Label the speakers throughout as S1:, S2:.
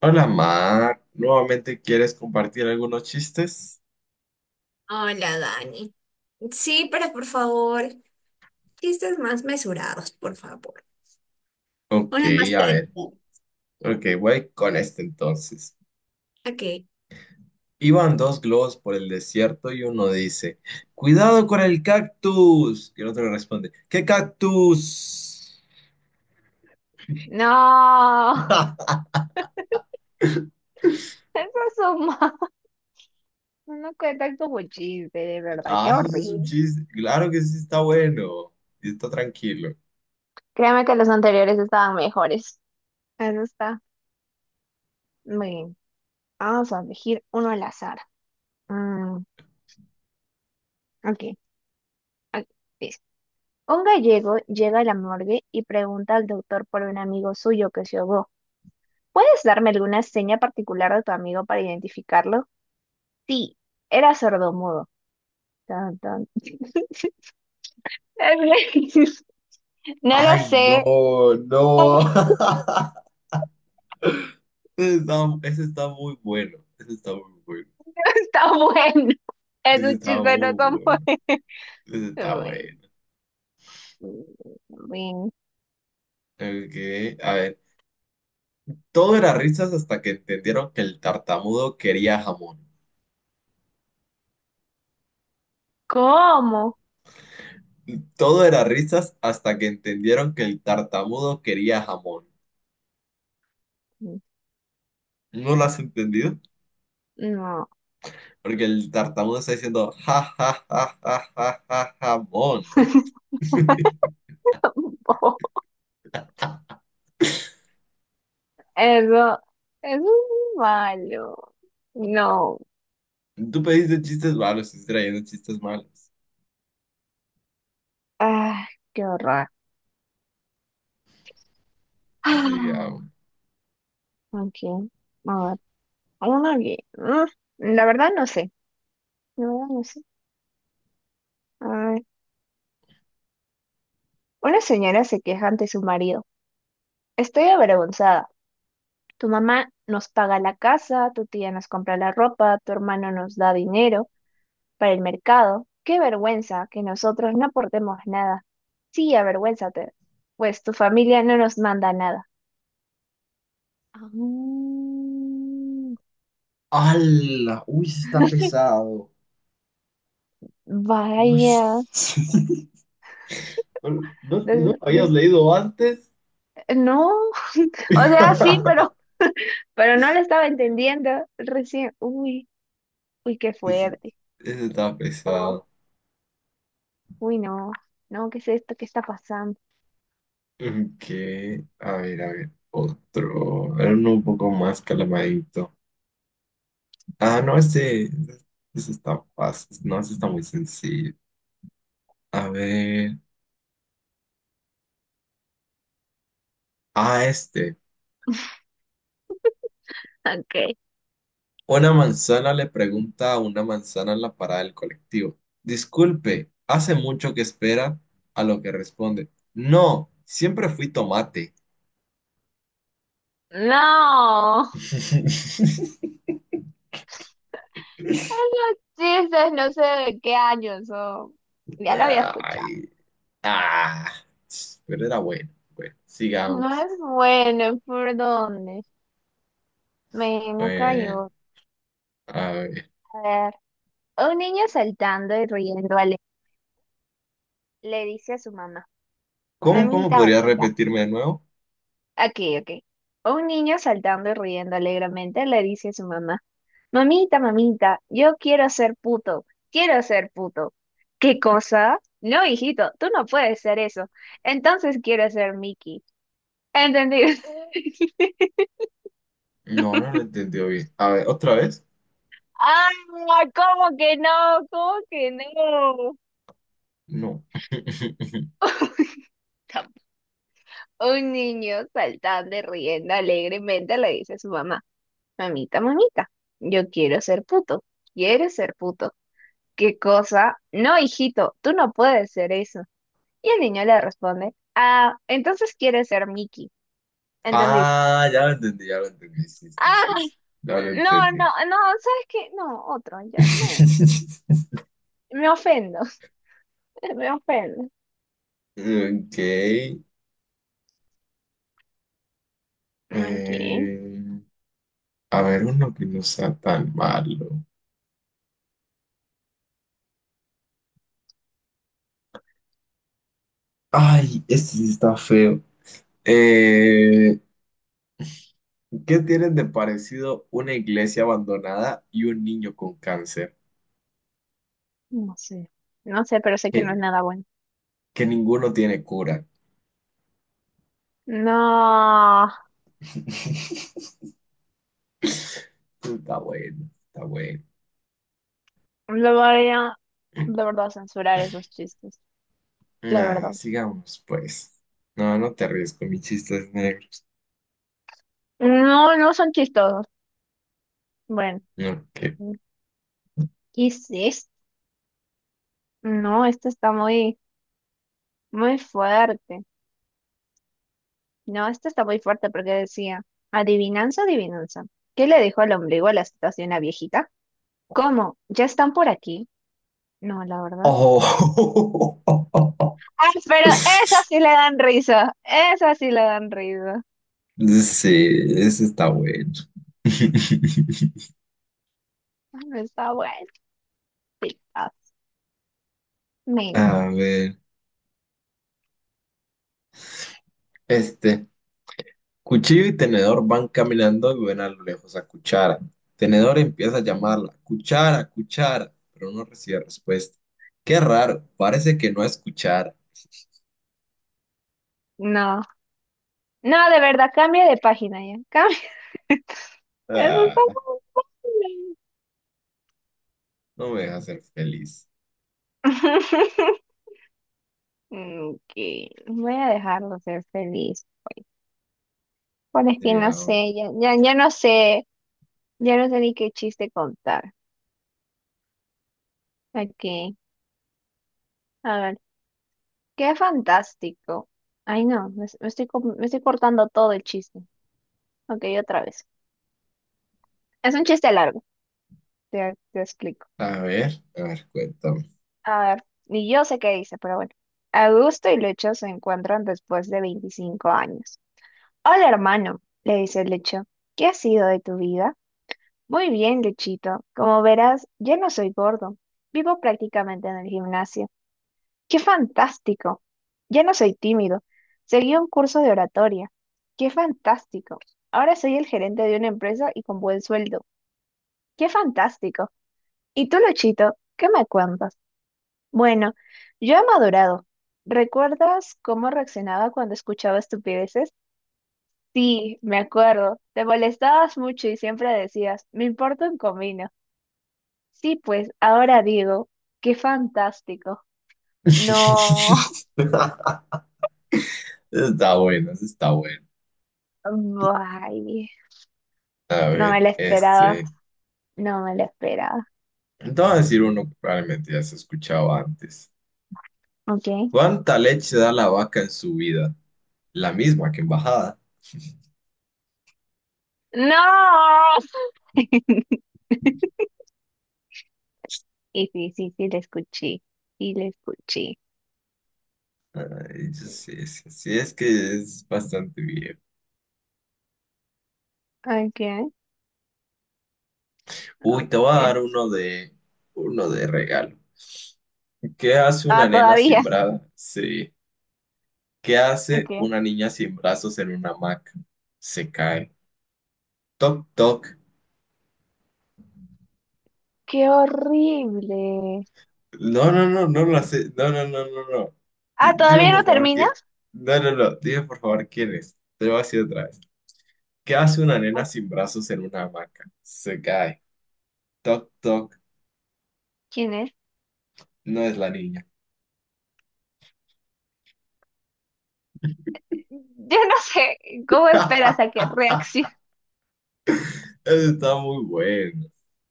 S1: Hola, Mar. ¿Nuevamente quieres compartir algunos chistes?
S2: Hola, Dani. Sí, pero por favor, chistes más mesurados, por favor.
S1: Ok,
S2: Unos más
S1: a ver.
S2: tranquilos.
S1: Ok, voy con este entonces.
S2: Ok.
S1: Iban dos globos por el desierto y uno dice, ¡cuidado con el cactus! Y el otro le responde, ¿qué cactus?
S2: No, eso es un mal. No cuentan como chiste, de verdad, qué
S1: Ah, eso sí es un
S2: horrible.
S1: chiste. Claro que sí está bueno. Y está tranquilo.
S2: Créeme que los anteriores estaban mejores. Eso está muy bien. Vamos a elegir uno al azar. Mm, ok, ok, dice. Un gallego llega a la morgue y pregunta al doctor por un amigo suyo que se ahogó. ¿Puedes darme alguna seña particular de tu amigo para identificarlo? Sí, era sordomudo. Tan, tan. No lo
S1: Ay,
S2: sé.
S1: no, no. Ese está, ese está muy bueno. Ese está muy bueno.
S2: Está bueno. Es
S1: Ese
S2: un
S1: está
S2: chiste
S1: muy
S2: no tan bueno.
S1: bueno. Ese está
S2: Bueno.
S1: bueno.
S2: bueno.
S1: Ok, a ver, todo era risas hasta que entendieron que el tartamudo quería jamón.
S2: ¿Cómo?
S1: Todo era risas hasta que entendieron que el tartamudo quería jamón. ¿No lo has entendido?
S2: No.
S1: Porque el tartamudo está diciendo ja ja ja ja ja ja jamón.
S2: Eso, eso es malo. No.
S1: Tú pediste chistes malos, estás trayendo chistes malos.
S2: Ah, qué horror.
S1: Sí,
S2: Ah, ok. A ver. Uno que- mm, La verdad no sé. La verdad no sé. A ver. Una señora se queja ante su marido. Estoy avergonzada. Tu mamá nos paga la casa, tu tía nos compra la ropa, tu hermano nos da dinero para el mercado. Qué vergüenza que nosotros no aportemos nada. Sí, avergüénzate, pues tu familia no nos manda nada. Ah,
S1: ¡hala! Uy, sí está pesado. Uy.
S2: vaya,
S1: ¿No, no
S2: des-
S1: lo habías
S2: des-
S1: leído antes?
S2: no, o sea, sí, pero no lo estaba entendiendo recién. Uy, uy, qué fuerte.
S1: Ese está pesado.
S2: No. Uy, no, no, ¿qué es esto? ¿Qué está pasando?
S1: Que, a ver, otro, a ver, uno un poco más calamadito. Ah, no, ese ese está fácil, no, ese está muy sencillo. A ver, ah, este.
S2: Ok.
S1: Una manzana le pregunta a una manzana en la parada del colectivo. Disculpe, hace mucho que espera, a lo que responde. No, siempre fui tomate.
S2: No, esos chistes no sé de qué año son. Ya lo había escuchado.
S1: Ay, ah, pero era bueno. Bueno,
S2: No
S1: sigamos.
S2: es bueno, ¿por dónde? Me
S1: Bueno,
S2: cayó.
S1: a ver.
S2: A ver. Un niño saltando y riendo le dice a su mamá,
S1: ¿Cómo, cómo
S2: mamita,
S1: podría
S2: mamita.
S1: repetirme de nuevo?
S2: Aquí, ok. Un niño saltando y riendo alegremente le dice a su mamá. Mamita, mamita, yo quiero ser puto, quiero ser puto. ¿Qué cosa? No, hijito, tú no puedes ser eso. Entonces quiero ser Mickey. ¿Entendido?
S1: No, no lo entendió bien. A ver, ¿otra vez?
S2: ¡Ah! ¿Cómo que no? ¿Cómo que no?
S1: No.
S2: Tam- Un niño saltando y riendo alegremente le dice a su mamá, mamita, mamita, yo quiero ser puto, quiero ser puto. ¿Qué cosa? No, hijito, tú no puedes ser eso. Y el niño le responde, ah, entonces quieres ser Mickey. ¿Entendiste?
S1: Ah, ya lo entendí, ya lo entendí. Sí, sí,
S2: Ah,
S1: sí. Sí. Ya lo
S2: no, no,
S1: entendí.
S2: no, ¿sabes qué? No, otro, ya no. Me ofendo, me ofendo.
S1: Ok.
S2: Ok,
S1: eh, a ver, uno que no sea tan malo. Ay, este sí está feo. Eh, ¿Qué tienen de parecido una iglesia abandonada y un niño con cáncer?
S2: no sé, no sé, pero sé que no es
S1: Que,
S2: nada bueno.
S1: que ninguno tiene cura.
S2: No,
S1: Está bueno, está bueno.
S2: lo voy a, de verdad, censurar esos chistes, la
S1: Ah,
S2: verdad.
S1: sigamos, pues. No, no te ríes con mis chistes negros.
S2: No, no son chistosos. Bueno,
S1: No, que.
S2: ¿qué es esto? No, este está muy, muy fuerte. No, este está muy fuerte porque decía, adivinanza, adivinanza. ¿Qué le dijo el ombligo a la situación a viejita? ¿Cómo? ¿Ya están por aquí? No, la verdad.
S1: Oh.
S2: Ay, sí, pero esas sí le dan risa. Esas sí le dan risa.
S1: Sí, ese está bueno.
S2: Ay, está bueno. Me-
S1: A ver, este. Cuchillo y tenedor van caminando y ven a lo lejos a Cuchara. Tenedor empieza a llamarla, Cuchara, Cuchara, pero no recibe respuesta. Qué raro, parece que no es Cuchara.
S2: No. No, de verdad, cambia de página ya. Cambia. Eso está
S1: Ah,
S2: muy bueno.
S1: no me deja ser feliz.
S2: Ok, voy a dejarlo ser feliz. Bueno, es que no
S1: Sigamos.
S2: sé, ya, ya, ya no sé ni qué chiste contar. Aquí, a ver, qué fantástico. Ay, no, me estoy cortando todo el chiste. Ok, otra vez. Es un chiste largo, te explico.
S1: A ver, cuéntame.
S2: A ver, ni yo sé qué dice, pero bueno. Augusto y Lecho se encuentran después de 25 años. Hola, hermano, le dice Lecho. ¿Qué ha sido de tu vida? Muy bien, Lechito. Como verás, ya no soy gordo. Vivo prácticamente en el gimnasio. ¡Qué fantástico! Ya no soy tímido. Seguí un curso de oratoria. ¡Qué fantástico! Ahora soy el gerente de una empresa y con buen sueldo. ¡Qué fantástico! ¿Y tú, Luchito, qué me cuentas? Bueno, yo he madurado. ¿Recuerdas cómo reaccionaba cuando escuchaba estupideces? Sí, me acuerdo. Te molestabas mucho y siempre decías, me importa un comino. Sí, pues ahora digo, qué fantástico. No,
S1: Está bueno, eso está bueno.
S2: bye.
S1: A
S2: No me
S1: ver,
S2: la esperaba.
S1: este.
S2: No me la esperaba.
S1: Te voy a decir uno que probablemente ya se ha escuchado antes.
S2: ¿Ok?
S1: ¿Cuánta leche da la vaca en su vida? La misma que en bajada.
S2: ¡No! Y sí, sí, sí, la escuché. Sí, la escuché.
S1: Yo sí, sí, sí, es que es bastante bien.
S2: Ok,
S1: Uy, te voy
S2: ok.
S1: a dar uno de regalo. ¿Qué hace una
S2: Ah,
S1: nena sin
S2: todavía.
S1: brazos? Sí. ¿Qué
S2: Ok.
S1: hace una niña sin brazos en una hamaca? Se cae. Toc, toc.
S2: Qué horrible.
S1: No, no, no, no lo hace. No, no, no, no, no.
S2: Ah,
S1: Dime
S2: ¿todavía
S1: por
S2: no
S1: favor que.
S2: terminas?
S1: No, no, no. Dime por favor quién es. Te lo voy a decir otra vez. ¿Qué hace una nena
S2: Ok.
S1: sin brazos en una hamaca? Se cae. Toc, toc.
S2: ¿Quién es?
S1: No es la niña.
S2: Yo no sé cómo esperas a que reaccione,
S1: Eso está muy bueno.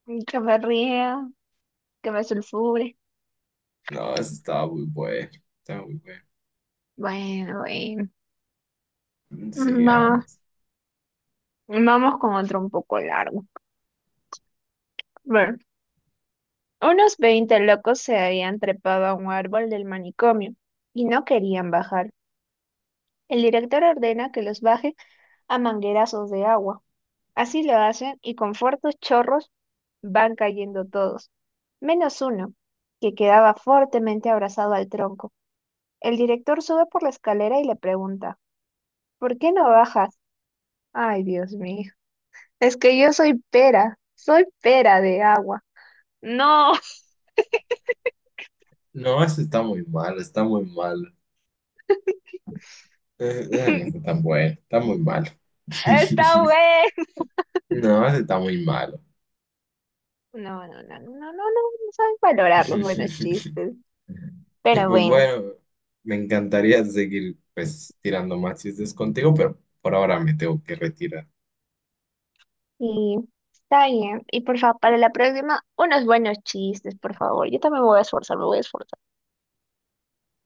S2: que me ría, que me sulfure.
S1: No, eso está muy bueno. Está muy
S2: Bueno, bueno.
S1: bueno.
S2: Vamos,
S1: Sigamos.
S2: vamos con otro un poco largo. Bueno, unos 20 locos se habían trepado a un árbol del manicomio y no querían bajar. El director ordena que los baje a manguerazos de agua. Así lo hacen y con fuertes chorros van cayendo todos, menos uno, que quedaba fuertemente abrazado al tronco. El director sube por la escalera y le pregunta, ¿por qué no bajas? Ay, Dios mío, es que yo soy pera de agua. No,
S1: No, eso está muy malo. Está muy malo. No está tan bueno. Está muy malo.
S2: está bueno.
S1: No, eso está muy malo.
S2: No, no, no, no, no, no, no saben valorar los buenos chistes.
S1: Y
S2: Pero
S1: pues
S2: bueno.
S1: bueno, me encantaría seguir pues tirando más chistes contigo, pero por ahora me tengo que retirar.
S2: Y está bien. Y por favor, para la próxima, unos buenos chistes, por favor. Yo también me voy a esforzar, me voy a esforzar.